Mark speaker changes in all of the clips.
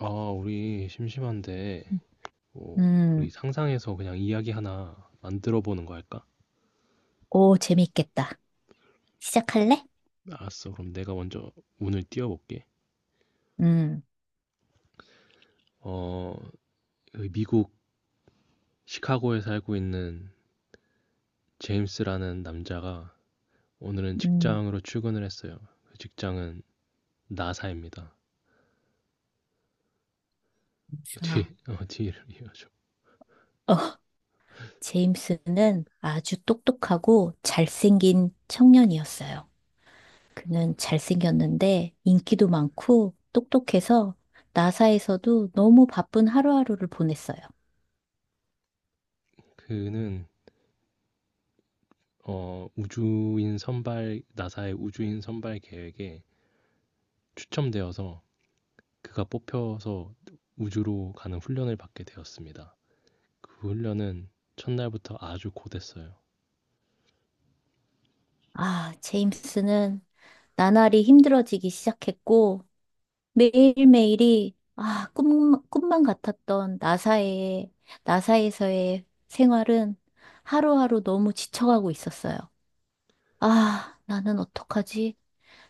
Speaker 1: 아, 우리 심심한데, 뭐, 우리
Speaker 2: 음.
Speaker 1: 상상해서 그냥 이야기 하나 만들어 보는 거 할까?
Speaker 2: 오, 재밌겠다. 시작할래?
Speaker 1: 알았어. 그럼 내가 먼저 운을 띄워볼게.
Speaker 2: 음.
Speaker 1: 어, 그 미국 시카고에 살고 있는 제임스라는 남자가 오늘은
Speaker 2: 음.
Speaker 1: 직장으로 출근을 했어요. 그 직장은 나사입니다. 뒤,
Speaker 2: 아,
Speaker 1: 뒤를 이어줘.
Speaker 2: 어, 제임스는 아주 똑똑하고 잘생긴 청년이었어요. 그는 잘생겼는데 인기도 많고 똑똑해서 나사에서도 너무 바쁜 하루하루를 보냈어요.
Speaker 1: 그는, 우주인 선발, 나사의 우주인 선발 계획에 추첨되어서 그가 뽑혀서 우주로 가는 훈련을 받게 되었습니다. 그 훈련은 첫날부터 아주 고됐어요.
Speaker 2: 아, 제임스는 나날이 힘들어지기 시작했고 매일매일이 아, 꿈만 같았던 나사에서의 생활은 하루하루 너무 지쳐가고 있었어요. 아, 나는 어떡하지?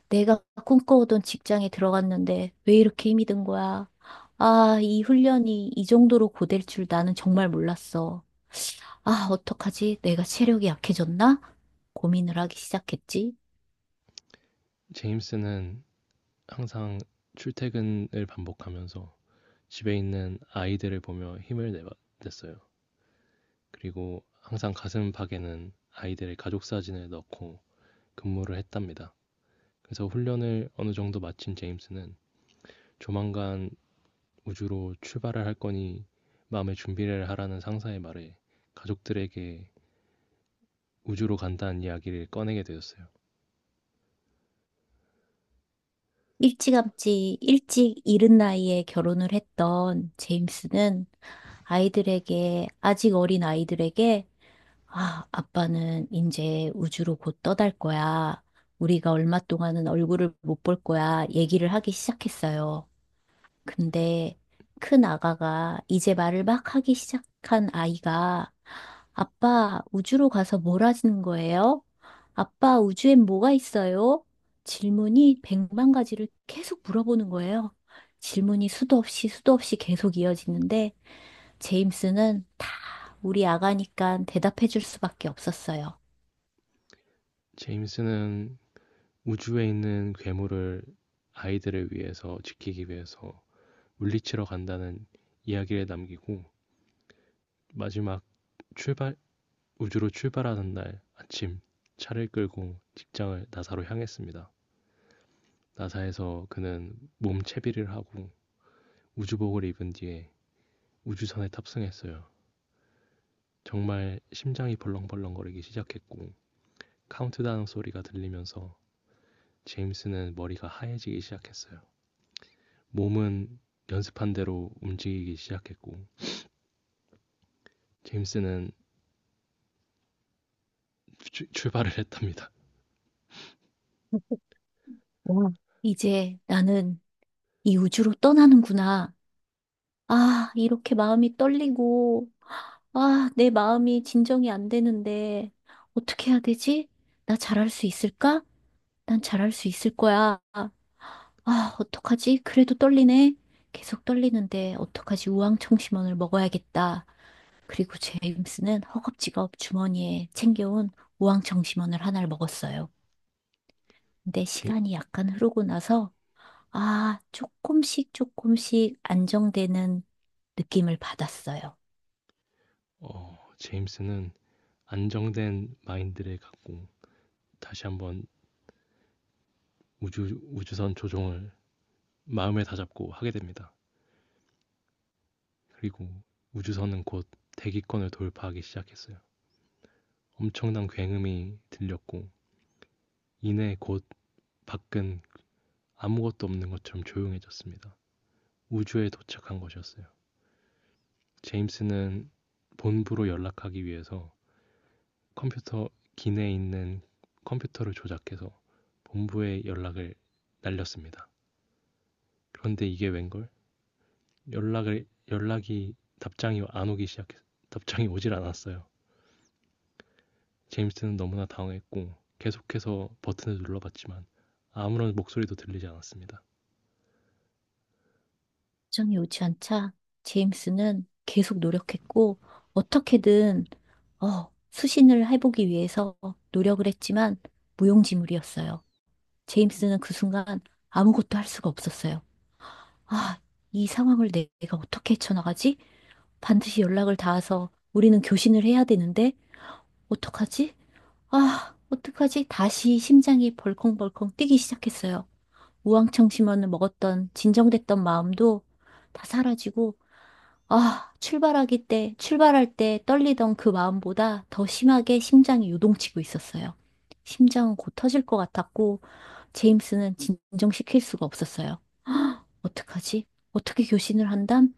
Speaker 2: 내가 꿈꿔오던 직장에 들어갔는데 왜 이렇게 힘이 든 거야? 아, 이 훈련이 이 정도로 고될 줄 나는 정말 몰랐어. 아, 어떡하지? 내가 체력이 약해졌나? 고민을 하기 시작했지.
Speaker 1: 제임스는 항상 출퇴근을 반복하면서 집에 있는 아이들을 보며 냈어요. 그리고 항상 가슴팍에는 아이들의 가족 사진을 넣고 근무를 했답니다. 그래서 훈련을 어느 정도 마친 제임스는 조만간 우주로 출발을 할 거니 마음의 준비를 하라는 상사의 말에 가족들에게 우주로 간다는 이야기를 꺼내게 되었어요.
Speaker 2: 일찌감치 일찍 이른 나이에 결혼을 했던 제임스는 아이들에게, 아직 어린 아이들에게, 아, 아빠는 이제 우주로 곧 떠날 거야. 우리가 얼마 동안은 얼굴을 못 볼 거야. 얘기를 하기 시작했어요. 근데 큰 아가가 이제 말을 막 하기 시작한 아이가 아빠 우주로 가서 뭘 하시는 거예요? 아빠 우주엔 뭐가 있어요? 질문이 백만 가지를 계속 물어보는 거예요. 질문이 수도 없이 계속 이어지는데 제임스는 다 우리 아가니까 대답해 줄 수밖에 없었어요.
Speaker 1: 제임스는 우주에 있는 괴물을 아이들을 위해서 지키기 위해서 물리치러 간다는 이야기를 남기고 마지막 출발 우주로 출발하는 날 아침 차를 끌고 직장을 나사로 향했습니다. 나사에서 그는 몸 채비를 하고 우주복을 입은 뒤에 우주선에 탑승했어요. 정말 심장이 벌렁벌렁거리기 시작했고 카운트다운 소리가 들리면서 제임스는 머리가 하얘지기 시작했어요. 몸은 연습한 대로 움직이기 시작했고 제임스는 출발을 했답니다.
Speaker 2: 와, 이제 나는 이 우주로 떠나는구나. 아, 이렇게 마음이 떨리고 아, 내 마음이 진정이 안 되는데, 어떻게 해야 되지? 나 잘할 수 있을까? 난 잘할 수 있을 거야. 아, 어떡하지? 그래도 떨리네. 계속 떨리는데, 어떡하지? 우황청심원을 먹어야겠다. 그리고 제임스는 허겁지겁 주머니에 챙겨온 우황청심원을 하나를 먹었어요. 근데
Speaker 1: 제,
Speaker 2: 시간이 약간 흐르고 나서 아, 조금씩 조금씩 안정되는 느낌을 받았어요.
Speaker 1: 제임스는 안정된 마인드를 갖고 다시 한번 우주선 조종을 마음에 다잡고 하게 됩니다. 그리고 우주선은 곧 대기권을 돌파하기 시작했어요. 엄청난 굉음이 들렸고 이내 곧 밖은 아무것도 없는 것처럼 조용해졌습니다. 우주에 도착한 것이었어요. 제임스는 본부로 연락하기 위해서 컴퓨터 기내에 있는 컴퓨터를 조작해서 본부에 연락을 날렸습니다. 그런데 이게 웬걸? 연락을 연락이 답장이 안 오기 시작했 답장이 오질 않았어요. 제임스는 너무나 당황했고 계속해서 버튼을 눌러봤지만 아무런 목소리도 들리지 않았습니다.
Speaker 2: 정이 오지 않자 제임스는 계속 노력했고 어떻게든 수신을 해보기 위해서 노력을 했지만 무용지물이었어요. 제임스는 그 순간 아무것도 할 수가 없었어요. 아, 이 상황을 내가 어떻게 헤쳐나가지? 반드시 연락을 닿아서 우리는 교신을 해야 되는데 어떡하지? 아, 어떡하지? 다시 심장이 벌컹벌컹 뛰기 시작했어요. 우황청 심원을 먹었던 진정됐던 마음도 다 사라지고 아, 출발할 때 떨리던 그 마음보다 더 심하게 심장이 요동치고 있었어요. 심장은 곧 터질 것 같았고 제임스는 진정시킬 수가 없었어요. 어떡하지? 어떻게 교신을 한담?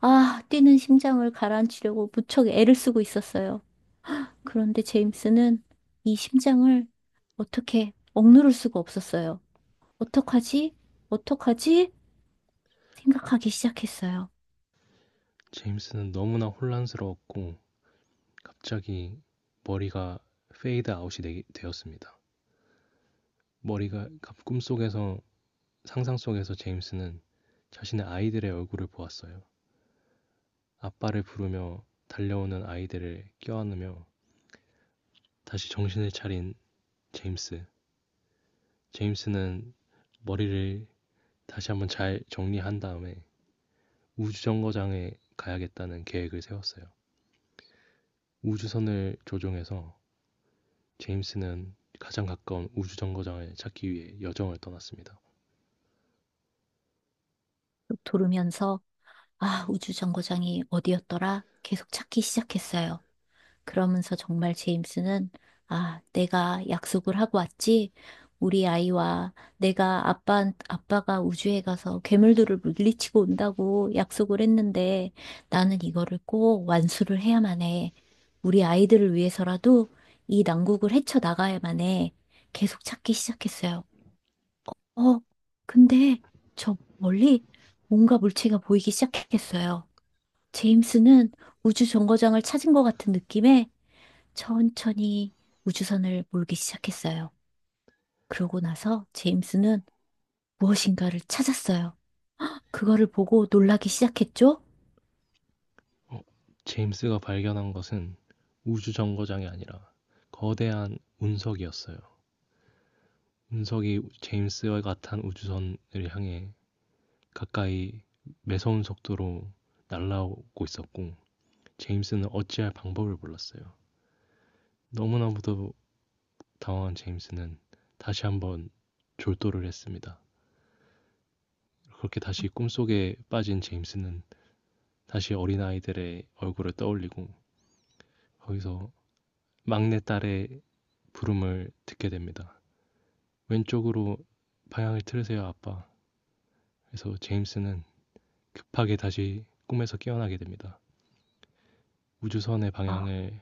Speaker 2: 아, 뛰는 심장을 가라앉히려고 무척 애를 쓰고 있었어요. 그런데 제임스는 이 심장을 어떻게 억누를 수가 없었어요. 어떡하지? 어떡하지?
Speaker 1: 어,
Speaker 2: 생각하기 시작했어요.
Speaker 1: 제임스는 너무나 혼란스러웠고 갑자기 머리가 었습니다 머리가 꿈속에서 상상 속에서 제임스는 자신의 아이들의 얼굴을 보았어요. 아빠를 부르며 달려오는 아이들을 껴안으며 다시 정신을 차린 제임스. 제임스는 머리를 다시 한번 잘 정리한 다음에 우주정거장에 가야겠다는 계획을 세웠어요. 우주선을 조종해서 제임스는 가장 가까운 우주정거장을 찾기 위해 여정을 떠났습니다.
Speaker 2: 쭉 돌으면서, 아, 우주정거장이 어디였더라? 계속 찾기 시작했어요. 그러면서 정말 제임스는 아, 내가 약속을 하고 왔지. 우리 아이와 내가 아빠가 우주에 가서 괴물들을 물리치고 온다고 약속을 했는데 나는 이거를 꼭 완수를 해야만 해. 우리 아이들을 위해서라도 이 난국을 헤쳐나가야만 해. 계속 찾기 시작했어요. 어, 근데 저 멀리 뭔가 물체가 보이기 시작했어요. 제임스는 우주 정거장을 찾은 것 같은 느낌에 천천히 우주선을 몰기 시작했어요. 그러고 나서 제임스는 무엇인가를 찾았어요. 그거를 보고 놀라기 시작했죠?
Speaker 1: 제임스가 발견한 것은 우주정거장이 아니라 거대한 운석이었어요. 운석이 제임스와 같은 우주선을 향해 가까이 매서운 속도로 날아오고 있었고 제임스는 어찌할 방법을 몰랐어요. 너무나도 당황한 제임스는 다시 한번 졸도를 했습니다. 그렇게 다시 꿈속에 빠진 제임스는 다시 어린아이들의 얼굴을 떠올리고 거기서 막내딸의 부름을 듣게 됩니다. 왼쪽으로 방향을 틀으세요, 아빠. 그래서 제임스는 급하게 다시 꿈에서 깨어나게 됩니다. 우주선의
Speaker 2: 아,
Speaker 1: 방향을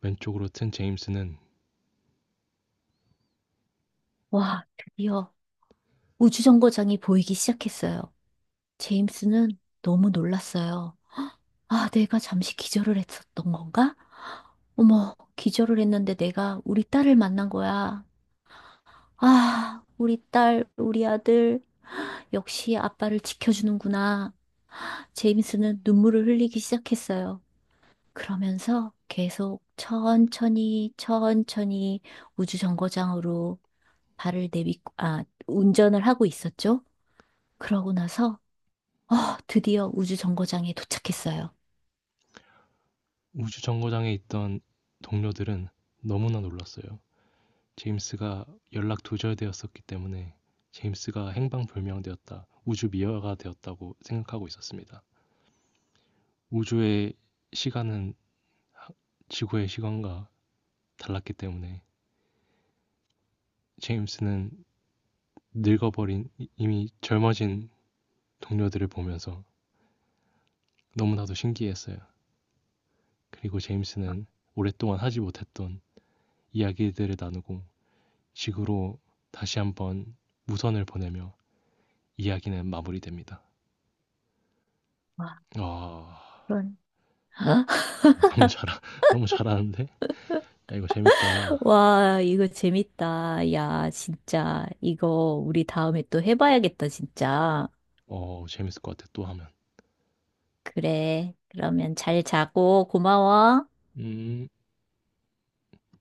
Speaker 1: 왼쪽으로 튼 제임스는
Speaker 2: 와, 드디어 우주정거장이 보이기 시작했어요. 제임스는 너무 놀랐어요. 아, 내가 잠시 기절을 했었던 건가? 어머, 기절을 했는데 내가 우리 딸을 만난 거야. 아, 우리 딸, 우리 아들, 역시 아빠를 지켜주는구나. 제임스는 눈물을 흘리기 시작했어요. 그러면서 계속 천천히 우주정거장으로 발을 내딛고, 아, 운전을 하고 있었죠. 그러고 나서, 어, 드디어 우주정거장에 도착했어요.
Speaker 1: 우주 정거장에 있던 동료들은 너무나 놀랐어요. 제임스가 연락 두절되었었기 때문에 제임스가 행방불명되었다, 우주 미화가 되었다고 생각하고 있었습니다. 우주의 시간은 지구의 시간과 달랐기 때문에 제임스는 이미 젊어진 동료들을 보면서 너무나도 신기했어요. 그리고 제임스는 오랫동안 하지 못했던 이야기들을 나누고 식으로 다시 한번 무선을 보내며 이야기는 마무리됩니다.
Speaker 2: 와,
Speaker 1: 아
Speaker 2: 그런.
Speaker 1: 너무 잘 너무 잘하는데 야, 이거 재밌다.
Speaker 2: 와, 이거 재밌다. 야, 진짜. 이거 우리 다음에 또 해봐야겠다, 진짜.
Speaker 1: 어 재밌을 것 같아 또 하면.
Speaker 2: 그래. 그러면 잘 자고 고마워.
Speaker 1: 음.